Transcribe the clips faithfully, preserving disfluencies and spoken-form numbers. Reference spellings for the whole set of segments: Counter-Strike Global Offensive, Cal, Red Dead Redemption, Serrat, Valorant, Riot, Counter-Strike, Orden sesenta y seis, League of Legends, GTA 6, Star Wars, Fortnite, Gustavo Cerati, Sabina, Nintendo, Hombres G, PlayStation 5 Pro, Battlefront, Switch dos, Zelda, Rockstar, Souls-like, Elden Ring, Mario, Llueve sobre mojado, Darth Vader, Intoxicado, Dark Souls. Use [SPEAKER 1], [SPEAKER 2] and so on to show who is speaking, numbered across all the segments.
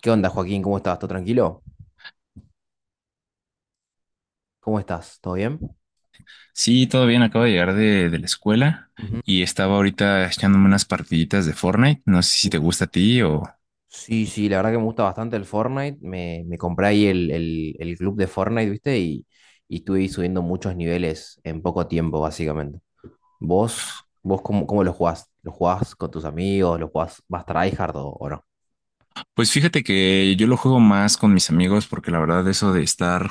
[SPEAKER 1] ¿Qué onda, Joaquín? ¿Cómo estás? ¿Todo tranquilo? ¿Cómo estás? ¿Todo bien?
[SPEAKER 2] Sí, todo bien, acabo de llegar de, de la escuela
[SPEAKER 1] Ujú.
[SPEAKER 2] y estaba ahorita echándome unas partiditas de Fortnite. No sé si te
[SPEAKER 1] Uf.
[SPEAKER 2] gusta a ti o...
[SPEAKER 1] Sí, sí, la verdad que me gusta bastante el Fortnite. Me, me compré ahí el, el- el club de Fortnite, ¿viste? Y, y estuve ahí subiendo muchos niveles en poco tiempo, básicamente. ¿Vos, vos cómo, ¿cómo lo jugás? ¿Lo jugás con tus amigos? ¿Lo jugás más tryhard o, o no?
[SPEAKER 2] Pues fíjate que yo lo juego más con mis amigos porque la verdad eso de estar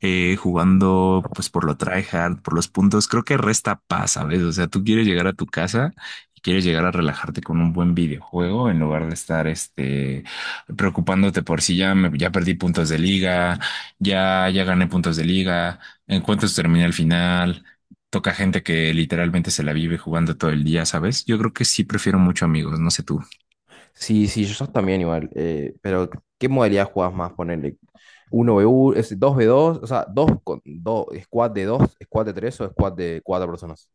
[SPEAKER 2] eh, jugando pues por lo tryhard, por los puntos, creo que resta paz, ¿sabes? O sea, tú quieres llegar a tu casa y quieres llegar a relajarte con un buen videojuego en lugar de estar este preocupándote por si ya me- ya perdí puntos de liga, ya ya gané puntos de liga, en cuántos terminé el final. Toca gente que literalmente se la vive jugando todo el día, ¿sabes? Yo creo que sí prefiero mucho amigos, no sé tú.
[SPEAKER 1] Sí, sí, yo también igual. Eh, pero, ¿qué modalidad jugás más? Ponele uno v uno, es dos ve dos, o sea, dos, con, dos, squad de dos, squad de tres o squad de cuatro personas.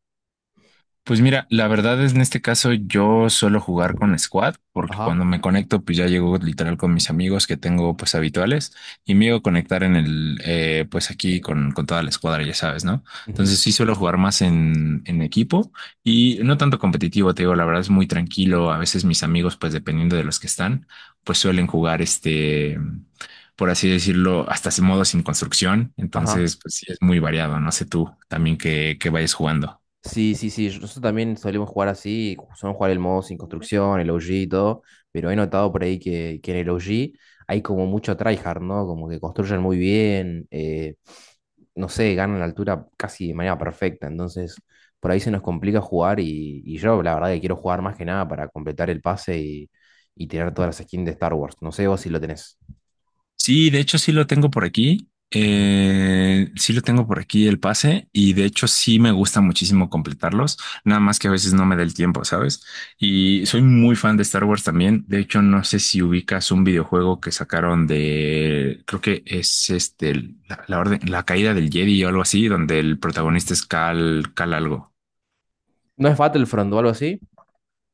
[SPEAKER 2] Pues mira, la verdad es en este caso yo suelo jugar con Squad porque
[SPEAKER 1] Ajá.
[SPEAKER 2] cuando me conecto pues ya llego literal con mis amigos que tengo pues habituales y me llego a conectar en el eh, pues aquí con, con toda la escuadra, ya sabes, ¿no?
[SPEAKER 1] Ujú.
[SPEAKER 2] Entonces sí suelo jugar más en, en equipo y no tanto competitivo, te digo, la verdad es muy tranquilo, a veces mis amigos pues dependiendo de los que están pues suelen jugar este, por así decirlo, hasta ese modo sin construcción,
[SPEAKER 1] Ajá.
[SPEAKER 2] entonces pues sí es muy variado, no sé tú también que, que vayas jugando.
[SPEAKER 1] Sí, sí, sí. yo- Nosotros también solemos jugar así, solemos jugar el modo sin construcción, el O G y todo, pero he notado por ahí que, que en el O G hay como mucho tryhard, ¿no? Como que construyen muy bien, eh, no sé, ganan la altura casi de manera perfecta, entonces por ahí se nos complica jugar y, y yo la verdad que quiero jugar más que nada para completar el pase y, y tener todas las skins de Star Wars. No sé vos si lo tenés.
[SPEAKER 2] Sí, de hecho sí lo tengo por aquí.
[SPEAKER 1] Ajá.
[SPEAKER 2] Eh, sí lo tengo por aquí el pase y de hecho sí me gusta muchísimo completarlos, nada más que a veces no me da el tiempo, ¿sabes? Y soy muy fan de Star Wars también. De hecho, no sé si ubicas un videojuego que sacaron de, creo que es este, el- la, la orden, la caída del Jedi o algo así, donde el protagonista es Cal, Cal algo.
[SPEAKER 1] ¿No es Battlefront o algo así?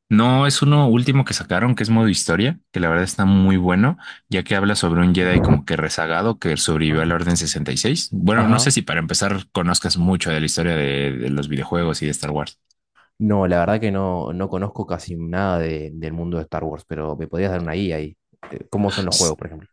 [SPEAKER 2] No, es uno último que sacaron, que es modo historia, que la verdad está muy bueno, ya que habla sobre un Jedi como que rezagado que sobrevivió
[SPEAKER 1] Ajá.
[SPEAKER 2] a la Orden sesenta y seis. Bueno, no sé
[SPEAKER 1] Ajá.
[SPEAKER 2] si para empezar conozcas mucho de la historia de, de los videojuegos y de Star Wars.
[SPEAKER 1] No, la verdad que no, no conozco casi nada de- del mundo de Star Wars, pero me podrías dar una guía ahí. Eh, ¿Cómo son los juegos, por ejemplo?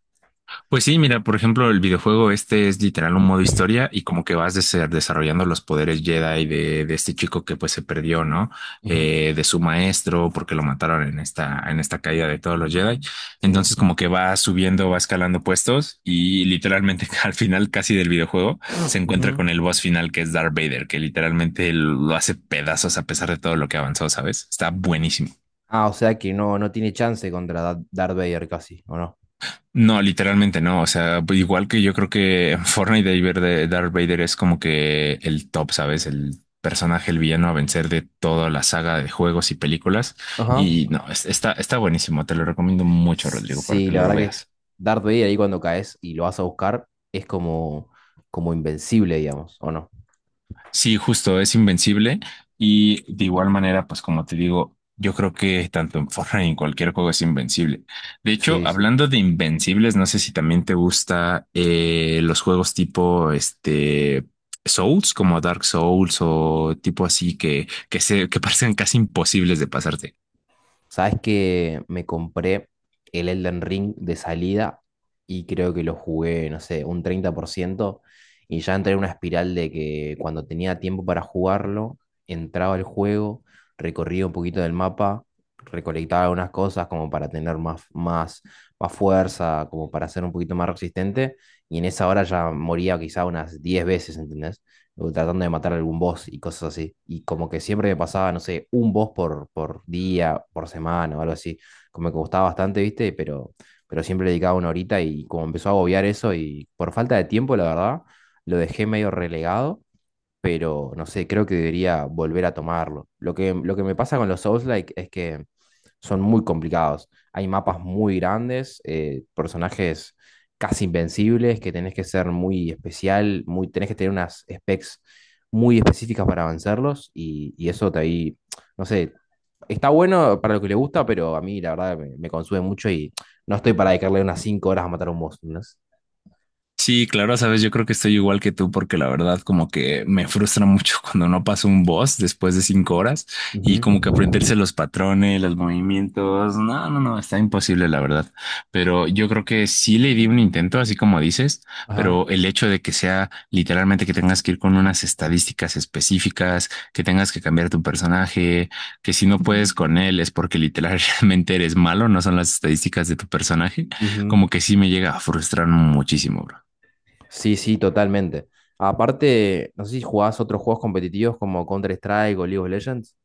[SPEAKER 2] Pues sí, mira, por ejemplo, el videojuego este es literal un modo historia y como que vas dese- desarrollando los poderes Jedi de, de este chico que pues se perdió, ¿no?
[SPEAKER 1] Ujú.
[SPEAKER 2] Eh, de su maestro porque lo mataron en esta, en esta caída de todos los Jedi.
[SPEAKER 1] Sí.
[SPEAKER 2] Entonces como que va subiendo, va escalando puestos y literalmente al final casi del videojuego se encuentra
[SPEAKER 1] Ujú.
[SPEAKER 2] con el boss final que es Darth Vader, que literalmente lo hace pedazos a pesar de todo lo que avanzó, ¿sabes? Está buenísimo.
[SPEAKER 1] Ah, o sea que no, no tiene chance contra Da- Darth Vader casi, ¿o no?
[SPEAKER 2] No, literalmente no. O sea, igual que yo creo que Fortnite de ver de Darth Vader es como que el top, ¿sabes? El personaje, el villano a vencer de toda la saga de juegos y películas.
[SPEAKER 1] Ajá.
[SPEAKER 2] Y no, es- está, está buenísimo. Te lo recomiendo mucho, Rodrigo, para
[SPEAKER 1] Sí,
[SPEAKER 2] que
[SPEAKER 1] la
[SPEAKER 2] lo
[SPEAKER 1] verdad que
[SPEAKER 2] veas.
[SPEAKER 1] Darth Vader ahí cuando caes y lo vas a buscar es como, como invencible, digamos, ¿o no?
[SPEAKER 2] Sí, justo, es invencible y de igual manera, pues como te digo, yo creo que tanto en Fortnite y en cualquier juego es invencible. De hecho,
[SPEAKER 1] Sí, sí.
[SPEAKER 2] hablando de invencibles, no sé si también te gusta eh, los juegos tipo este Souls, como Dark Souls o tipo así que que se que parecen casi imposibles de pasarte.
[SPEAKER 1] Sabes que me compré el Elden Ring de salida y creo que lo jugué, no sé, un treinta por ciento y ya entré en una espiral de que cuando tenía tiempo para jugarlo, entraba al juego, recorría un poquito del mapa, recolectaba algunas cosas como para tener más, más, más fuerza, como para ser un poquito más resistente y en esa hora ya moría quizá unas diez veces, ¿entendés? O tratando de matar algún boss y cosas así. Y como que siempre me pasaba, no sé, un boss por, por día, por semana o algo así. Como que me gustaba bastante, ¿viste? Pero, pero siempre le dedicaba una horita y como empezó a agobiar eso y por falta de tiempo, la verdad, lo dejé medio relegado. Pero no sé, creo que debería volver a tomarlo. Lo que, lo que me pasa con los Souls-like es que son muy complicados. Hay mapas muy grandes, eh, personajes casi invencibles que tenés que ser muy especial, muy, tenés que tener unas specs muy específicas para vencerlos y, y eso te ahí, no sé, está bueno para lo que le gusta, pero a mí la verdad me, me consume mucho y no estoy para dedicarle unas cinco horas a matar a un boss. ¿No?
[SPEAKER 2] Sí, claro, sabes, yo creo que estoy igual que tú porque la verdad como que me frustra mucho cuando no paso un boss después de cinco horas
[SPEAKER 1] Ujú.
[SPEAKER 2] y como que aprenderse los patrones, los movimientos, no, no, no, está imposible la verdad. Pero yo creo que sí le di un intento, así como dices,
[SPEAKER 1] Ajá.
[SPEAKER 2] pero el hecho de que sea literalmente que tengas que ir con unas estadísticas específicas, que tengas que cambiar tu personaje, que si no puedes con él es porque literalmente eres malo, no son las estadísticas de tu personaje,
[SPEAKER 1] Ujú.
[SPEAKER 2] como que sí me llega a frustrar muchísimo, bro.
[SPEAKER 1] Sí, sí, totalmente. Aparte, no sé si jugás otros juegos competitivos como Counter-Strike o League of Legends.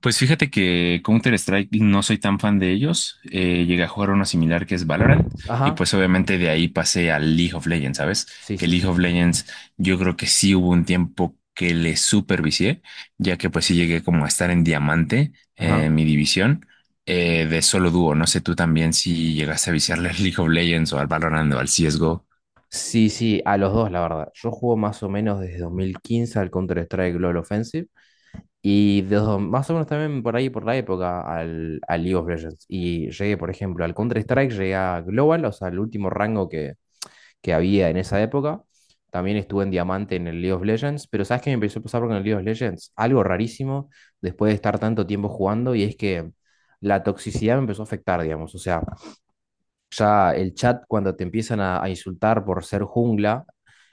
[SPEAKER 2] Pues fíjate que Counter-Strike no soy tan fan de ellos. Eh, llegué a jugar uno similar que es Valorant y
[SPEAKER 1] Ajá.
[SPEAKER 2] pues obviamente de ahí pasé al League of Legends, ¿sabes?
[SPEAKER 1] Sí,
[SPEAKER 2] Que
[SPEAKER 1] sí.
[SPEAKER 2] League of Legends yo creo que sí hubo un tiempo que le supervicié, ya que pues sí llegué como a estar en diamante eh,
[SPEAKER 1] Ajá.
[SPEAKER 2] en mi división eh, de solo dúo. No sé tú también si llegaste a viciarle al League of Legends o al Valorant o al C S G O.
[SPEAKER 1] Sí, sí, a los dos, la verdad. Yo juego más o menos desde dos mil quince al Counter-Strike Global Offensive y desde do- más o menos también por ahí, por la época, al, al League of Legends. Y llegué, por ejemplo, al Counter-Strike, llegué a Global, o sea, el último rango que, que había en esa época. También estuve en Diamante en el League of Legends, pero ¿sabes qué me empezó a pasar con el League of Legends? Algo rarísimo después de estar tanto tiempo jugando y es que la toxicidad me empezó a afectar, digamos. O sea, ya el chat cuando te empiezan a, a insultar por ser jungla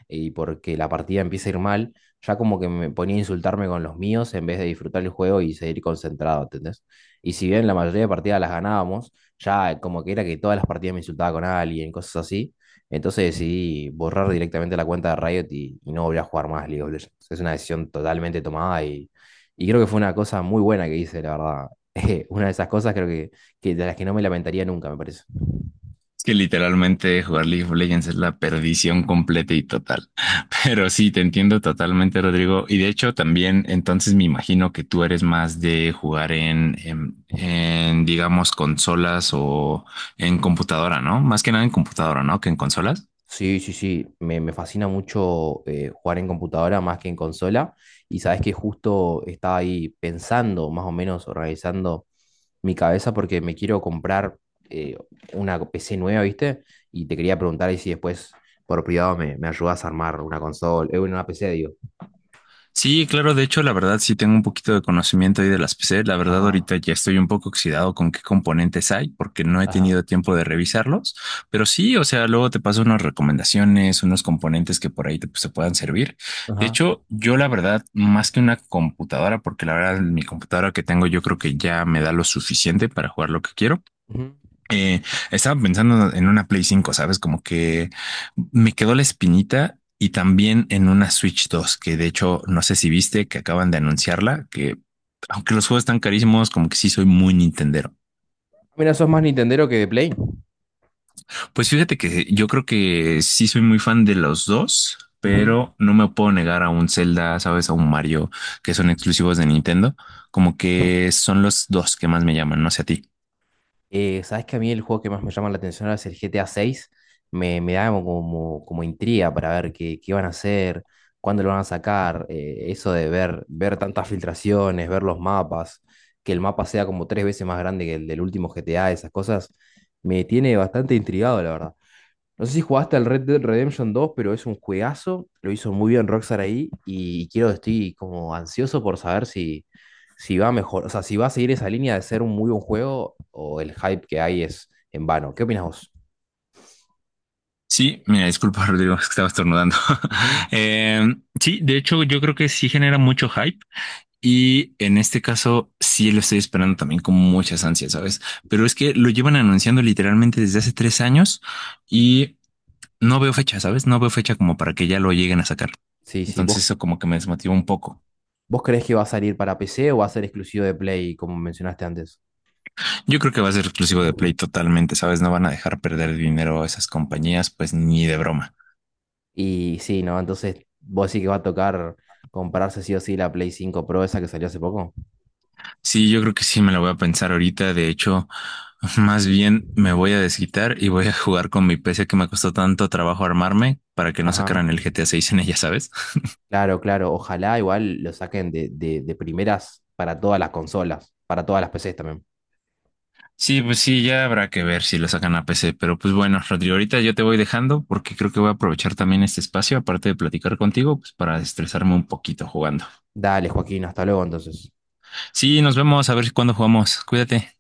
[SPEAKER 1] y porque la partida empieza a ir mal, ya como que me ponía a insultarme con los míos en vez de disfrutar el juego y seguir concentrado, ¿entendés? Y si bien la mayoría de partidas las ganábamos, ya como que era que todas las partidas me insultaba con alguien, cosas así. Entonces decidí borrar directamente la cuenta de Riot y, y no volví a jugar más League of Legends. Es una decisión totalmente tomada y, y creo que fue una cosa muy buena que hice, la verdad. Una de esas cosas creo que, que de las que no me lamentaría nunca, me parece.
[SPEAKER 2] Es que literalmente jugar League of Legends es la perdición completa y total. Pero sí, te entiendo totalmente, Rodrigo. Y de hecho, también entonces me imagino que tú eres más de jugar en, en, en, digamos, consolas o en computadora, ¿no? Más que nada en computadora, ¿no? Que en consolas.
[SPEAKER 1] Sí, sí, sí, me, me fascina mucho eh, jugar en computadora más que en consola y sabes que justo estaba ahí pensando, más o menos organizando mi cabeza porque me quiero comprar eh, una pe ce nueva, ¿viste? Y te quería preguntar ahí si después por privado me, me ayudas a armar una consola, eh, una pe ce, digo.
[SPEAKER 2] Sí, claro, de hecho, la verdad sí tengo un poquito de conocimiento ahí de las P C. La verdad,
[SPEAKER 1] Ajá,
[SPEAKER 2] ahorita ya estoy un poco oxidado con qué componentes hay, porque no he
[SPEAKER 1] ajá,
[SPEAKER 2] tenido tiempo de revisarlos. Pero sí, o sea, luego te paso unas recomendaciones, unos componentes que por ahí te, pues, te puedan servir. De
[SPEAKER 1] ajá.
[SPEAKER 2] hecho, yo la verdad, más que una computadora, porque la verdad, mi computadora que tengo, yo creo que ya me da lo suficiente para jugar lo que quiero.
[SPEAKER 1] Ujú.
[SPEAKER 2] Eh, Estaba pensando en una Play cinco, ¿sabes? Como que me quedó la espinita y también en una Switch dos, que de hecho no sé si viste que acaban de anunciarla, que aunque los juegos están carísimos, como que sí soy muy nintendero.
[SPEAKER 1] Mira, sos más Nintendero que de Play.
[SPEAKER 2] Pues fíjate que yo creo que sí soy muy fan de los dos,
[SPEAKER 1] Ujú.
[SPEAKER 2] pero no me puedo negar a un Zelda, ¿sabes? A un Mario, que son exclusivos de Nintendo, como que son los dos que más me llaman, no sé a ti.
[SPEAKER 1] Eh, sabes que a mí el juego que más me llama la atención ahora es el G T A seis. Me, me da como, como como intriga para ver qué, qué van a hacer, cuándo lo van a sacar. Eh, eso de ver, ver tantas filtraciones, ver los mapas, que el mapa sea como tres veces más grande que el del último G T A, esas cosas, me tiene bastante intrigado, la verdad. No sé si jugaste al Red Dead Redemption dos pero es un juegazo. Lo hizo muy bien Rockstar ahí y quiero, estoy como ansioso por saber si, si va mejor, o sea, si va a seguir esa línea de ser un muy buen juego o el hype que hay es en vano. ¿Qué opinas vos?
[SPEAKER 2] Sí, mira, disculpa, Rodrigo, es que estaba estornudando.
[SPEAKER 1] Ujú.
[SPEAKER 2] Eh, sí, de hecho, yo creo que sí genera mucho hype y en este caso sí lo estoy esperando también con muchas ansias, ¿sabes? Pero es que lo llevan anunciando literalmente desde hace tres años y no veo fecha, ¿sabes? No veo fecha como para que ya lo lleguen a sacar.
[SPEAKER 1] Sí, sí,
[SPEAKER 2] Entonces
[SPEAKER 1] ¿vos,
[SPEAKER 2] eso como que me desmotiva un poco.
[SPEAKER 1] vos creés que va a salir para pe ce o va a ser exclusivo de Play, como mencionaste antes?
[SPEAKER 2] Yo creo que va a ser exclusivo de Play totalmente, ¿sabes? No van a dejar perder dinero a esas compañías, pues ni de broma.
[SPEAKER 1] Y sí, ¿no? Entonces, vos decís que va a tocar comprarse sí o sí la Play cinco Pro esa que salió hace poco.
[SPEAKER 2] Sí, yo creo que sí me la voy a pensar ahorita. De hecho, más bien me voy a desquitar y voy a jugar con mi P C que me costó tanto trabajo armarme para que no
[SPEAKER 1] Ajá.
[SPEAKER 2] sacaran el G T A seis en ella, ¿sabes?
[SPEAKER 1] Claro, claro. Ojalá igual lo saquen de, de, de primeras para todas las consolas, para todas las pe ces también.
[SPEAKER 2] Sí, pues sí, ya habrá que ver si lo sacan a P C. Pero pues bueno, Rodrigo, ahorita yo te voy dejando porque creo que voy a aprovechar también este espacio, aparte de platicar contigo, pues para estresarme un poquito jugando.
[SPEAKER 1] Dale, Joaquín, hasta luego entonces.
[SPEAKER 2] Sí, nos vemos, a ver cuándo jugamos. Cuídate.